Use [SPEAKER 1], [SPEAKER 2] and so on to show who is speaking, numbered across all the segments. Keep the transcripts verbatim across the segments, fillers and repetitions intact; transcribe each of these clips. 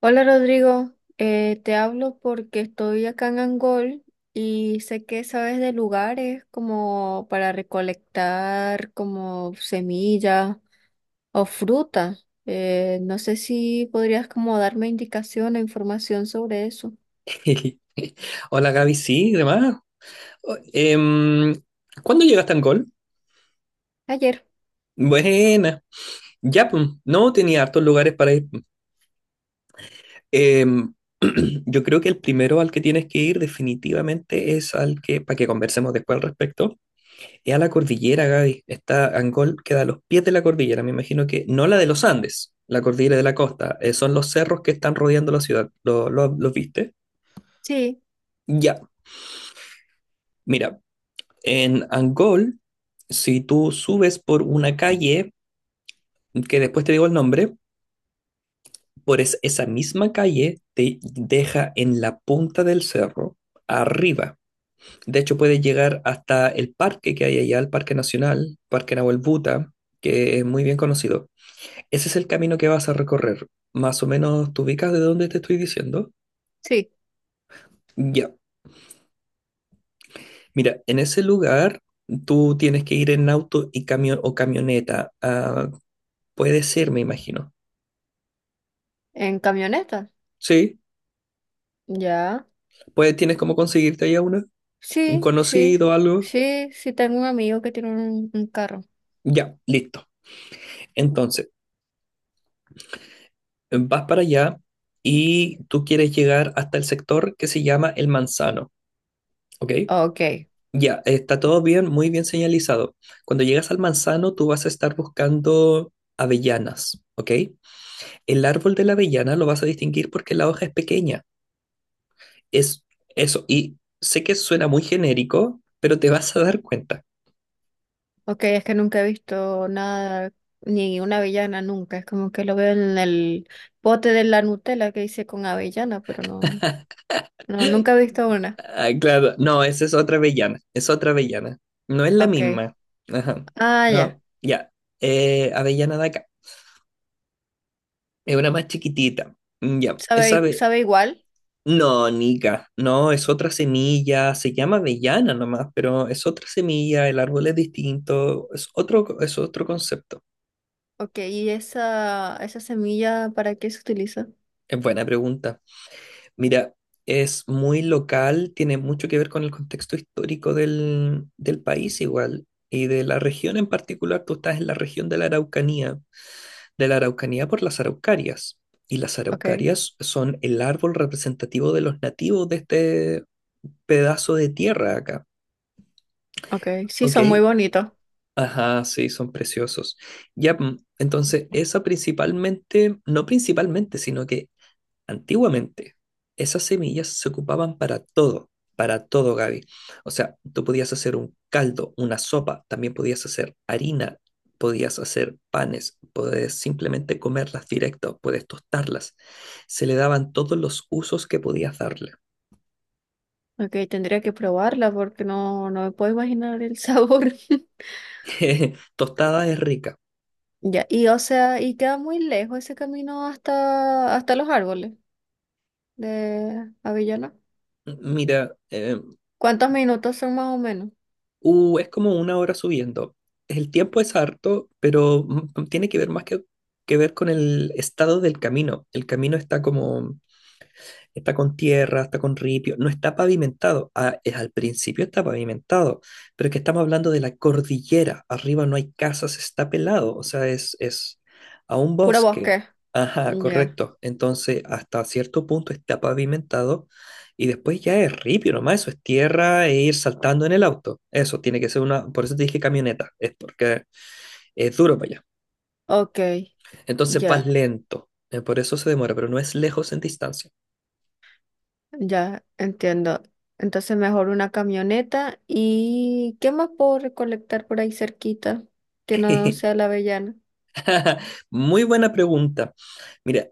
[SPEAKER 1] Hola Rodrigo, Eh, te hablo porque estoy acá en Angol y sé que sabes de lugares como para recolectar como semillas o fruta. Eh, no sé si podrías como darme indicación o información sobre eso.
[SPEAKER 2] Hola Gaby, sí, demás. O- em, ¿cuándo llegaste a Angol?
[SPEAKER 1] Ayer,
[SPEAKER 2] Buena. Ya, pues, no tenía hartos lugares para ir. Em, yo creo que el primero al que tienes que ir definitivamente es al que, para que conversemos después al respecto, es a la cordillera, Gaby. Está Angol, queda a los pies de la cordillera, me imagino que, no la de los Andes, la cordillera de la costa, eh, son los cerros que están rodeando la ciudad. ¿Lo, lo- los viste?
[SPEAKER 1] sí,
[SPEAKER 2] Ya, mira. En Angol, si tú subes por una calle, que después te digo el nombre, por es- esa misma calle te deja en la punta del cerro, arriba. De hecho, puedes llegar hasta el parque que hay allá, el Parque Nacional, Parque Nahuel Buta, que es muy bien conocido. Ese es el camino que vas a recorrer. Más o menos, ¿te ubicas de dónde te estoy diciendo?
[SPEAKER 1] sí,
[SPEAKER 2] Ya. Mira, en ese lugar tú tienes que ir en auto y camión o camioneta. Ah, puede ser, me imagino.
[SPEAKER 1] en camioneta.
[SPEAKER 2] Sí,
[SPEAKER 1] Ya,
[SPEAKER 2] pues tienes cómo conseguirte ahí a una, un
[SPEAKER 1] sí, sí,
[SPEAKER 2] conocido, algo.
[SPEAKER 1] sí, sí, tengo un amigo que tiene un, un carro.
[SPEAKER 2] Ya, listo. Entonces, vas para allá y tú quieres llegar hasta el sector que se llama El Manzano, ¿ok?
[SPEAKER 1] Ok.
[SPEAKER 2] Ya, está todo bien, muy bien señalizado. Cuando llegas al manzano, tú vas a estar buscando avellanas, ¿ok? El árbol de la avellana lo vas a distinguir porque la hoja es pequeña. Es eso. Y sé que suena muy genérico, pero te vas a dar cuenta.
[SPEAKER 1] Ok, es que nunca he visto nada, ni una avellana nunca. Es como que lo veo en el bote de la Nutella que hice con avellana, pero no, no, nunca he visto una.
[SPEAKER 2] Ah, claro, no, esa es otra avellana, es otra avellana. No es la
[SPEAKER 1] Ok.
[SPEAKER 2] misma. Ajá.
[SPEAKER 1] Ah, ya.
[SPEAKER 2] No, ya. Eh, avellana de acá. Es una más chiquitita. Mm, ya,
[SPEAKER 1] Sabe,
[SPEAKER 2] esa
[SPEAKER 1] i-
[SPEAKER 2] ave...
[SPEAKER 1] sabe igual.
[SPEAKER 2] No, Nica, no, es otra semilla, se llama avellana nomás, pero es otra semilla, el árbol es distinto, es otro, es otro concepto.
[SPEAKER 1] Ok, ¿y esa, esa semilla para qué se utiliza?
[SPEAKER 2] Es buena pregunta. Mira, es muy local, tiene mucho que ver con el contexto histórico del, del país igual y de la región en particular. Tú estás en la región de la Araucanía, de la Araucanía por las araucarias. Y las
[SPEAKER 1] Ok,
[SPEAKER 2] araucarias son el árbol representativo de los nativos de este pedazo de tierra acá.
[SPEAKER 1] ok. Sí,
[SPEAKER 2] ¿Ok?
[SPEAKER 1] son muy bonitos.
[SPEAKER 2] Ajá, sí, son preciosos. Ya, mm, entonces esa principalmente, no principalmente, sino que antiguamente, esas semillas se ocupaban para todo, para todo, Gaby. O sea, tú podías hacer un caldo, una sopa, también podías hacer harina, podías hacer panes, podías simplemente comerlas directo, puedes tostarlas. Se le daban todos los usos que podías darle.
[SPEAKER 1] Ok, tendría que probarla porque no, no me puedo imaginar el sabor.
[SPEAKER 2] Tostada es rica.
[SPEAKER 1] Ya, y o sea, y queda muy lejos ese camino hasta, hasta los árboles de avellana.
[SPEAKER 2] Mira, eh,
[SPEAKER 1] ¿Cuántos minutos son más o menos?
[SPEAKER 2] uh, es como una hora subiendo. El tiempo es harto, pero mm, tiene que ver más que, que ver con el estado del camino. El camino está como está con tierra, está con ripio, no está pavimentado. Ah, es al principio está pavimentado, pero es que estamos hablando de la cordillera. Arriba no hay casas, está pelado, o sea, es, es a un
[SPEAKER 1] Puro
[SPEAKER 2] bosque.
[SPEAKER 1] bosque.
[SPEAKER 2] Ajá,
[SPEAKER 1] Ya,
[SPEAKER 2] correcto. Entonces, hasta cierto punto está pavimentado y después ya es ripio nomás, eso es tierra e ir saltando en el auto. Eso tiene que ser una, por eso te dije camioneta, es porque es duro para allá.
[SPEAKER 1] ok,
[SPEAKER 2] Entonces vas
[SPEAKER 1] ya,
[SPEAKER 2] lento, eh, por eso se demora, pero no es lejos en distancia.
[SPEAKER 1] ya, entiendo. Entonces mejor una camioneta. ¿Y qué más puedo recolectar por ahí cerquita que no sea la avellana?
[SPEAKER 2] Muy buena pregunta. Mira,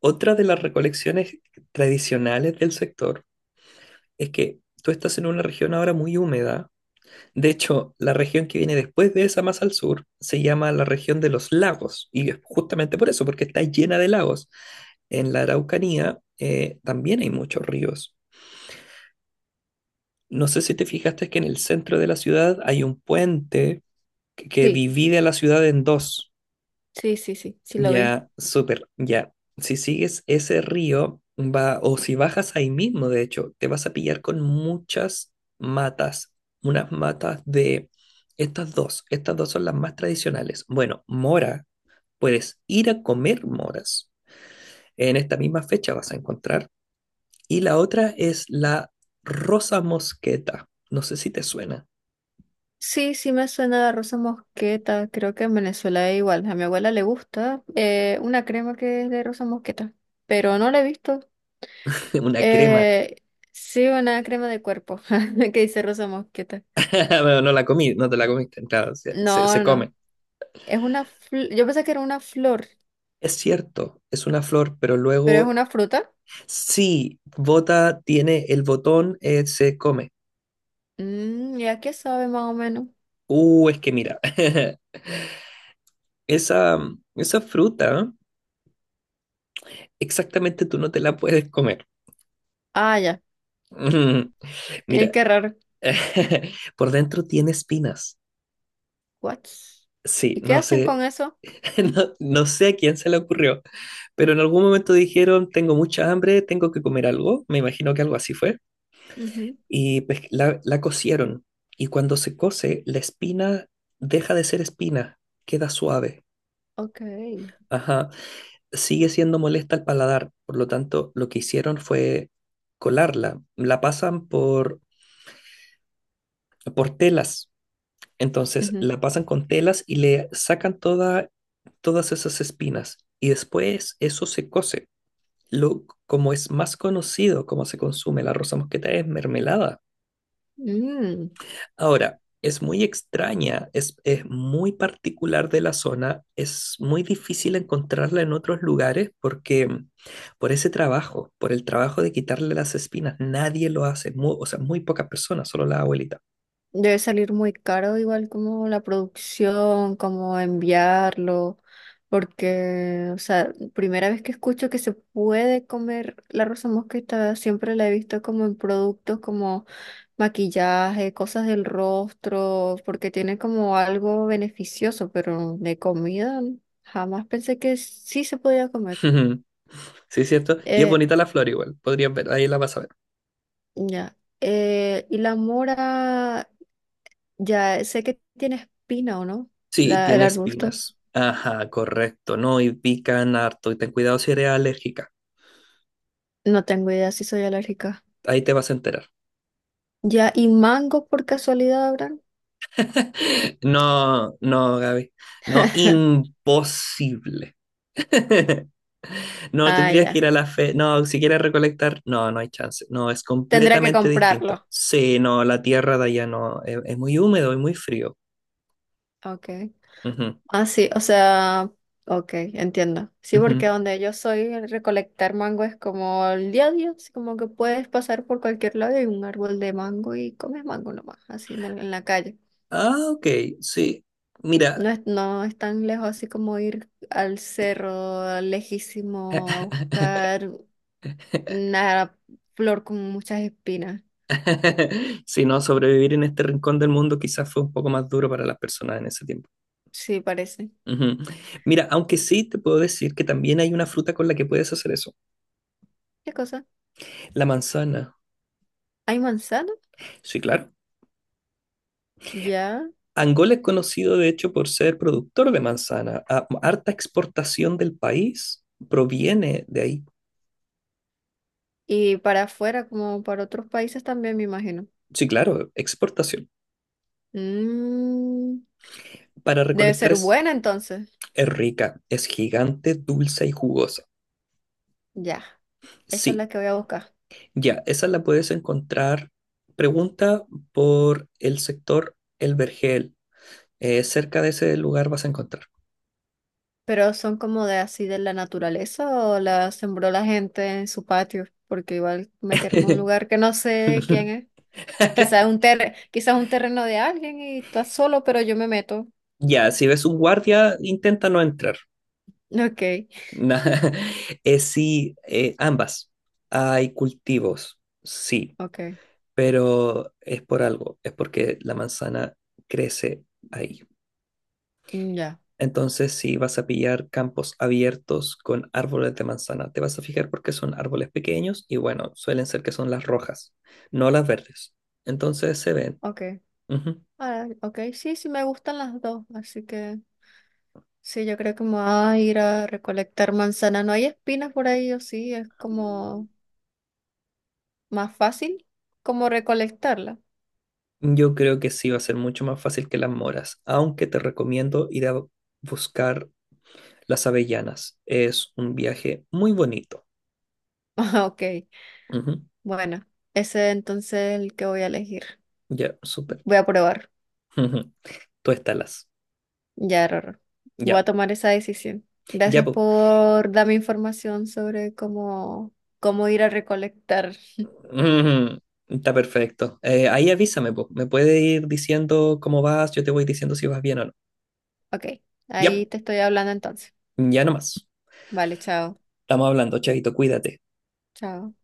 [SPEAKER 2] otra de las recolecciones tradicionales del sector es que tú estás en una región ahora muy húmeda. De hecho, la región que viene después de esa más al sur se llama la región de los lagos. Y es justamente por eso, porque está llena de lagos. En la Araucanía eh, también hay muchos ríos. No sé si te fijaste que en el centro de la ciudad hay un puente que, que
[SPEAKER 1] Sí,
[SPEAKER 2] divide a la ciudad en dos.
[SPEAKER 1] sí, sí, sí, sí lo vi.
[SPEAKER 2] Ya, súper, ya. Si sigues ese río, va, o si bajas ahí mismo, de hecho, te vas a pillar con muchas matas, unas matas de estas dos, estas dos son las más tradicionales. Bueno, mora, puedes ir a comer moras, en esta misma fecha vas a encontrar. Y la otra es la rosa mosqueta, no sé si te suena,
[SPEAKER 1] Sí, sí me suena la rosa mosqueta. Creo que en Venezuela es igual. A mi abuela le gusta eh, una crema que es de rosa mosqueta, pero no la he visto.
[SPEAKER 2] una crema,
[SPEAKER 1] Eh, sí, una crema de cuerpo que dice rosa mosqueta.
[SPEAKER 2] bueno, no la comí, no te la comiste, claro, se, se se
[SPEAKER 1] No, no.
[SPEAKER 2] come.
[SPEAKER 1] Es una fl- yo pensé que era una flor,
[SPEAKER 2] Es cierto, es una flor, pero
[SPEAKER 1] pero es
[SPEAKER 2] luego
[SPEAKER 1] una fruta.
[SPEAKER 2] sí, bota tiene el botón, eh, se come.
[SPEAKER 1] Mm, ¿y a qué sabe más o menos?
[SPEAKER 2] Uh, es que mira, esa, mm, esa fruta, ¿eh? Exactamente tú no te la puedes comer.
[SPEAKER 1] Ah, ya.
[SPEAKER 2] Mm,
[SPEAKER 1] Eh,
[SPEAKER 2] mira,
[SPEAKER 1] qué raro.
[SPEAKER 2] por dentro tiene espinas.
[SPEAKER 1] What?
[SPEAKER 2] Sí,
[SPEAKER 1] ¿Y qué
[SPEAKER 2] no
[SPEAKER 1] hacen
[SPEAKER 2] sé,
[SPEAKER 1] con eso?
[SPEAKER 2] no, no sé a quién se le ocurrió, pero en algún momento dijeron, tengo mucha hambre, tengo que comer algo, me imagino que algo así fue,
[SPEAKER 1] Ujú.
[SPEAKER 2] y pues la, la cocieron, y cuando se cose, la espina deja de ser espina, queda suave.
[SPEAKER 1] Ok.
[SPEAKER 2] Ajá. Sigue siendo molesta al paladar. Por lo tanto, lo que hicieron fue colarla. La pasan por, por telas. Entonces,
[SPEAKER 1] Ujú.
[SPEAKER 2] la pasan con telas y le sacan toda, todas esas espinas. Y después eso se cose. Lo, como es más conocido, como se consume la rosa mosqueta, es mermelada.
[SPEAKER 1] Mm.
[SPEAKER 2] Ahora, es muy extraña, es, es muy particular de la zona, es muy difícil encontrarla en otros lugares porque mm, por ese trabajo, por el trabajo de quitarle las espinas, nadie lo hace, mu- o sea, muy pocas personas, solo la abuelita.
[SPEAKER 1] Debe salir muy caro, igual como la producción, como enviarlo, porque, o sea, primera vez que escucho que se puede comer la rosa mosqueta, siempre la he visto como en productos como maquillaje, cosas del rostro, porque tiene como algo beneficioso, pero de comida jamás pensé que sí se podía comer.
[SPEAKER 2] Sí, cierto. Y es
[SPEAKER 1] Eh,
[SPEAKER 2] bonita la flor igual, podrías ver, ahí la vas a ver.
[SPEAKER 1] ya. Eh, y la mora, ya sé que tiene espina o no,
[SPEAKER 2] Sí,
[SPEAKER 1] la, el
[SPEAKER 2] tiene
[SPEAKER 1] arbusto.
[SPEAKER 2] espinas. Ajá, correcto, no, y pican harto, y ten cuidado si eres alérgica,
[SPEAKER 1] No tengo idea si soy alérgica.
[SPEAKER 2] ahí te vas a enterar.
[SPEAKER 1] Ya, ¿y mango por casualidad habrán?
[SPEAKER 2] No, no, Gaby, no, imposible. No,
[SPEAKER 1] Ah,
[SPEAKER 2] tendrías que
[SPEAKER 1] ya.
[SPEAKER 2] ir a la fe. No, si quieres recolectar, no, no hay chance. No, es
[SPEAKER 1] Tendré que
[SPEAKER 2] completamente
[SPEAKER 1] comprarlo.
[SPEAKER 2] distinto. Sí, no, la tierra de allá no. Es, es muy húmedo y muy frío.
[SPEAKER 1] Ok.
[SPEAKER 2] Ujú,
[SPEAKER 1] Ah, sí, o sea, ok, entiendo. Sí, porque
[SPEAKER 2] ujú.
[SPEAKER 1] donde yo soy, el recolectar mango es como el día a día, así como que puedes pasar por cualquier lado y hay un árbol de mango y comes mango nomás, así en, el- en la calle.
[SPEAKER 2] Ah, ok, sí. Mira,
[SPEAKER 1] No es, no es tan lejos así como ir al cerro lejísimo a buscar una flor con muchas espinas.
[SPEAKER 2] si no, sobrevivir en este rincón del mundo quizás fue un poco más duro para las personas en ese tiempo.
[SPEAKER 1] Sí, parece.
[SPEAKER 2] Ujú. Mira, aunque sí te puedo decir que también hay una fruta con la que puedes hacer eso.
[SPEAKER 1] ¿Qué cosa?
[SPEAKER 2] La manzana.
[SPEAKER 1] ¿Hay manzana?
[SPEAKER 2] Sí, claro.
[SPEAKER 1] Ya.
[SPEAKER 2] Angola es conocido, de hecho, por ser productor de manzana. A- Harta exportación del país proviene de ahí.
[SPEAKER 1] Y para afuera, como para otros países también, me imagino.
[SPEAKER 2] Sí, claro, exportación.
[SPEAKER 1] Mmm.
[SPEAKER 2] Para
[SPEAKER 1] Debe
[SPEAKER 2] recolectar
[SPEAKER 1] ser
[SPEAKER 2] es,
[SPEAKER 1] buena entonces.
[SPEAKER 2] es rica, es gigante, dulce y jugosa.
[SPEAKER 1] Ya, esa es
[SPEAKER 2] Sí,
[SPEAKER 1] la que voy a buscar.
[SPEAKER 2] ya, esa la puedes encontrar. Pregunta por el sector El Vergel. Eh, cerca de ese lugar vas a encontrar.
[SPEAKER 1] Pero son como de así de la naturaleza o la sembró la gente en su patio, porque igual meterme a un lugar que no sé quién es. Quizás un ter, quizás un terreno de alguien y estás solo, pero yo me meto.
[SPEAKER 2] Ya, si ves un guardia, intenta no entrar.
[SPEAKER 1] Ok,
[SPEAKER 2] Na- eh, sí, eh, ambas. Hay cultivos, sí,
[SPEAKER 1] ok,
[SPEAKER 2] pero es por algo, es porque la manzana crece ahí.
[SPEAKER 1] mm, ya,
[SPEAKER 2] Entonces, si vas a pillar campos abiertos con árboles de manzana, te vas a fijar porque son árboles pequeños y bueno, suelen ser que son las rojas, no las verdes. Entonces se ven.
[SPEAKER 1] ok.
[SPEAKER 2] Ujú.
[SPEAKER 1] Ah, ok, sí, sí me gustan las dos, así que sí, yo creo que me voy a ir a recolectar manzana. ¿No hay espinas por ahí o sí? Es como más fácil como recolectarlas.
[SPEAKER 2] Yo creo que sí va a ser mucho más fácil que las moras, aunque te recomiendo ir a buscar Las Avellanas. Es un viaje muy bonito.
[SPEAKER 1] Ah, ok,
[SPEAKER 2] Ujú.
[SPEAKER 1] bueno, ese entonces es el que voy a elegir.
[SPEAKER 2] Ya, súper.
[SPEAKER 1] Voy a probar.
[SPEAKER 2] Ujú. Tú estalas.
[SPEAKER 1] Ya, Rorro. Voy a
[SPEAKER 2] Ya,
[SPEAKER 1] tomar esa decisión.
[SPEAKER 2] ya,
[SPEAKER 1] Gracias
[SPEAKER 2] pues.
[SPEAKER 1] por darme información sobre cómo, cómo ir a recolectar.
[SPEAKER 2] Está perfecto. Eh, ahí avísame, po. Me puede ir diciendo cómo vas, yo te voy diciendo si vas bien o no.
[SPEAKER 1] Ok,
[SPEAKER 2] Ya,
[SPEAKER 1] ahí
[SPEAKER 2] po.
[SPEAKER 1] te estoy hablando entonces.
[SPEAKER 2] Ya nomás.
[SPEAKER 1] Vale, chao.
[SPEAKER 2] Estamos hablando, chavito, cuídate.
[SPEAKER 1] Chao.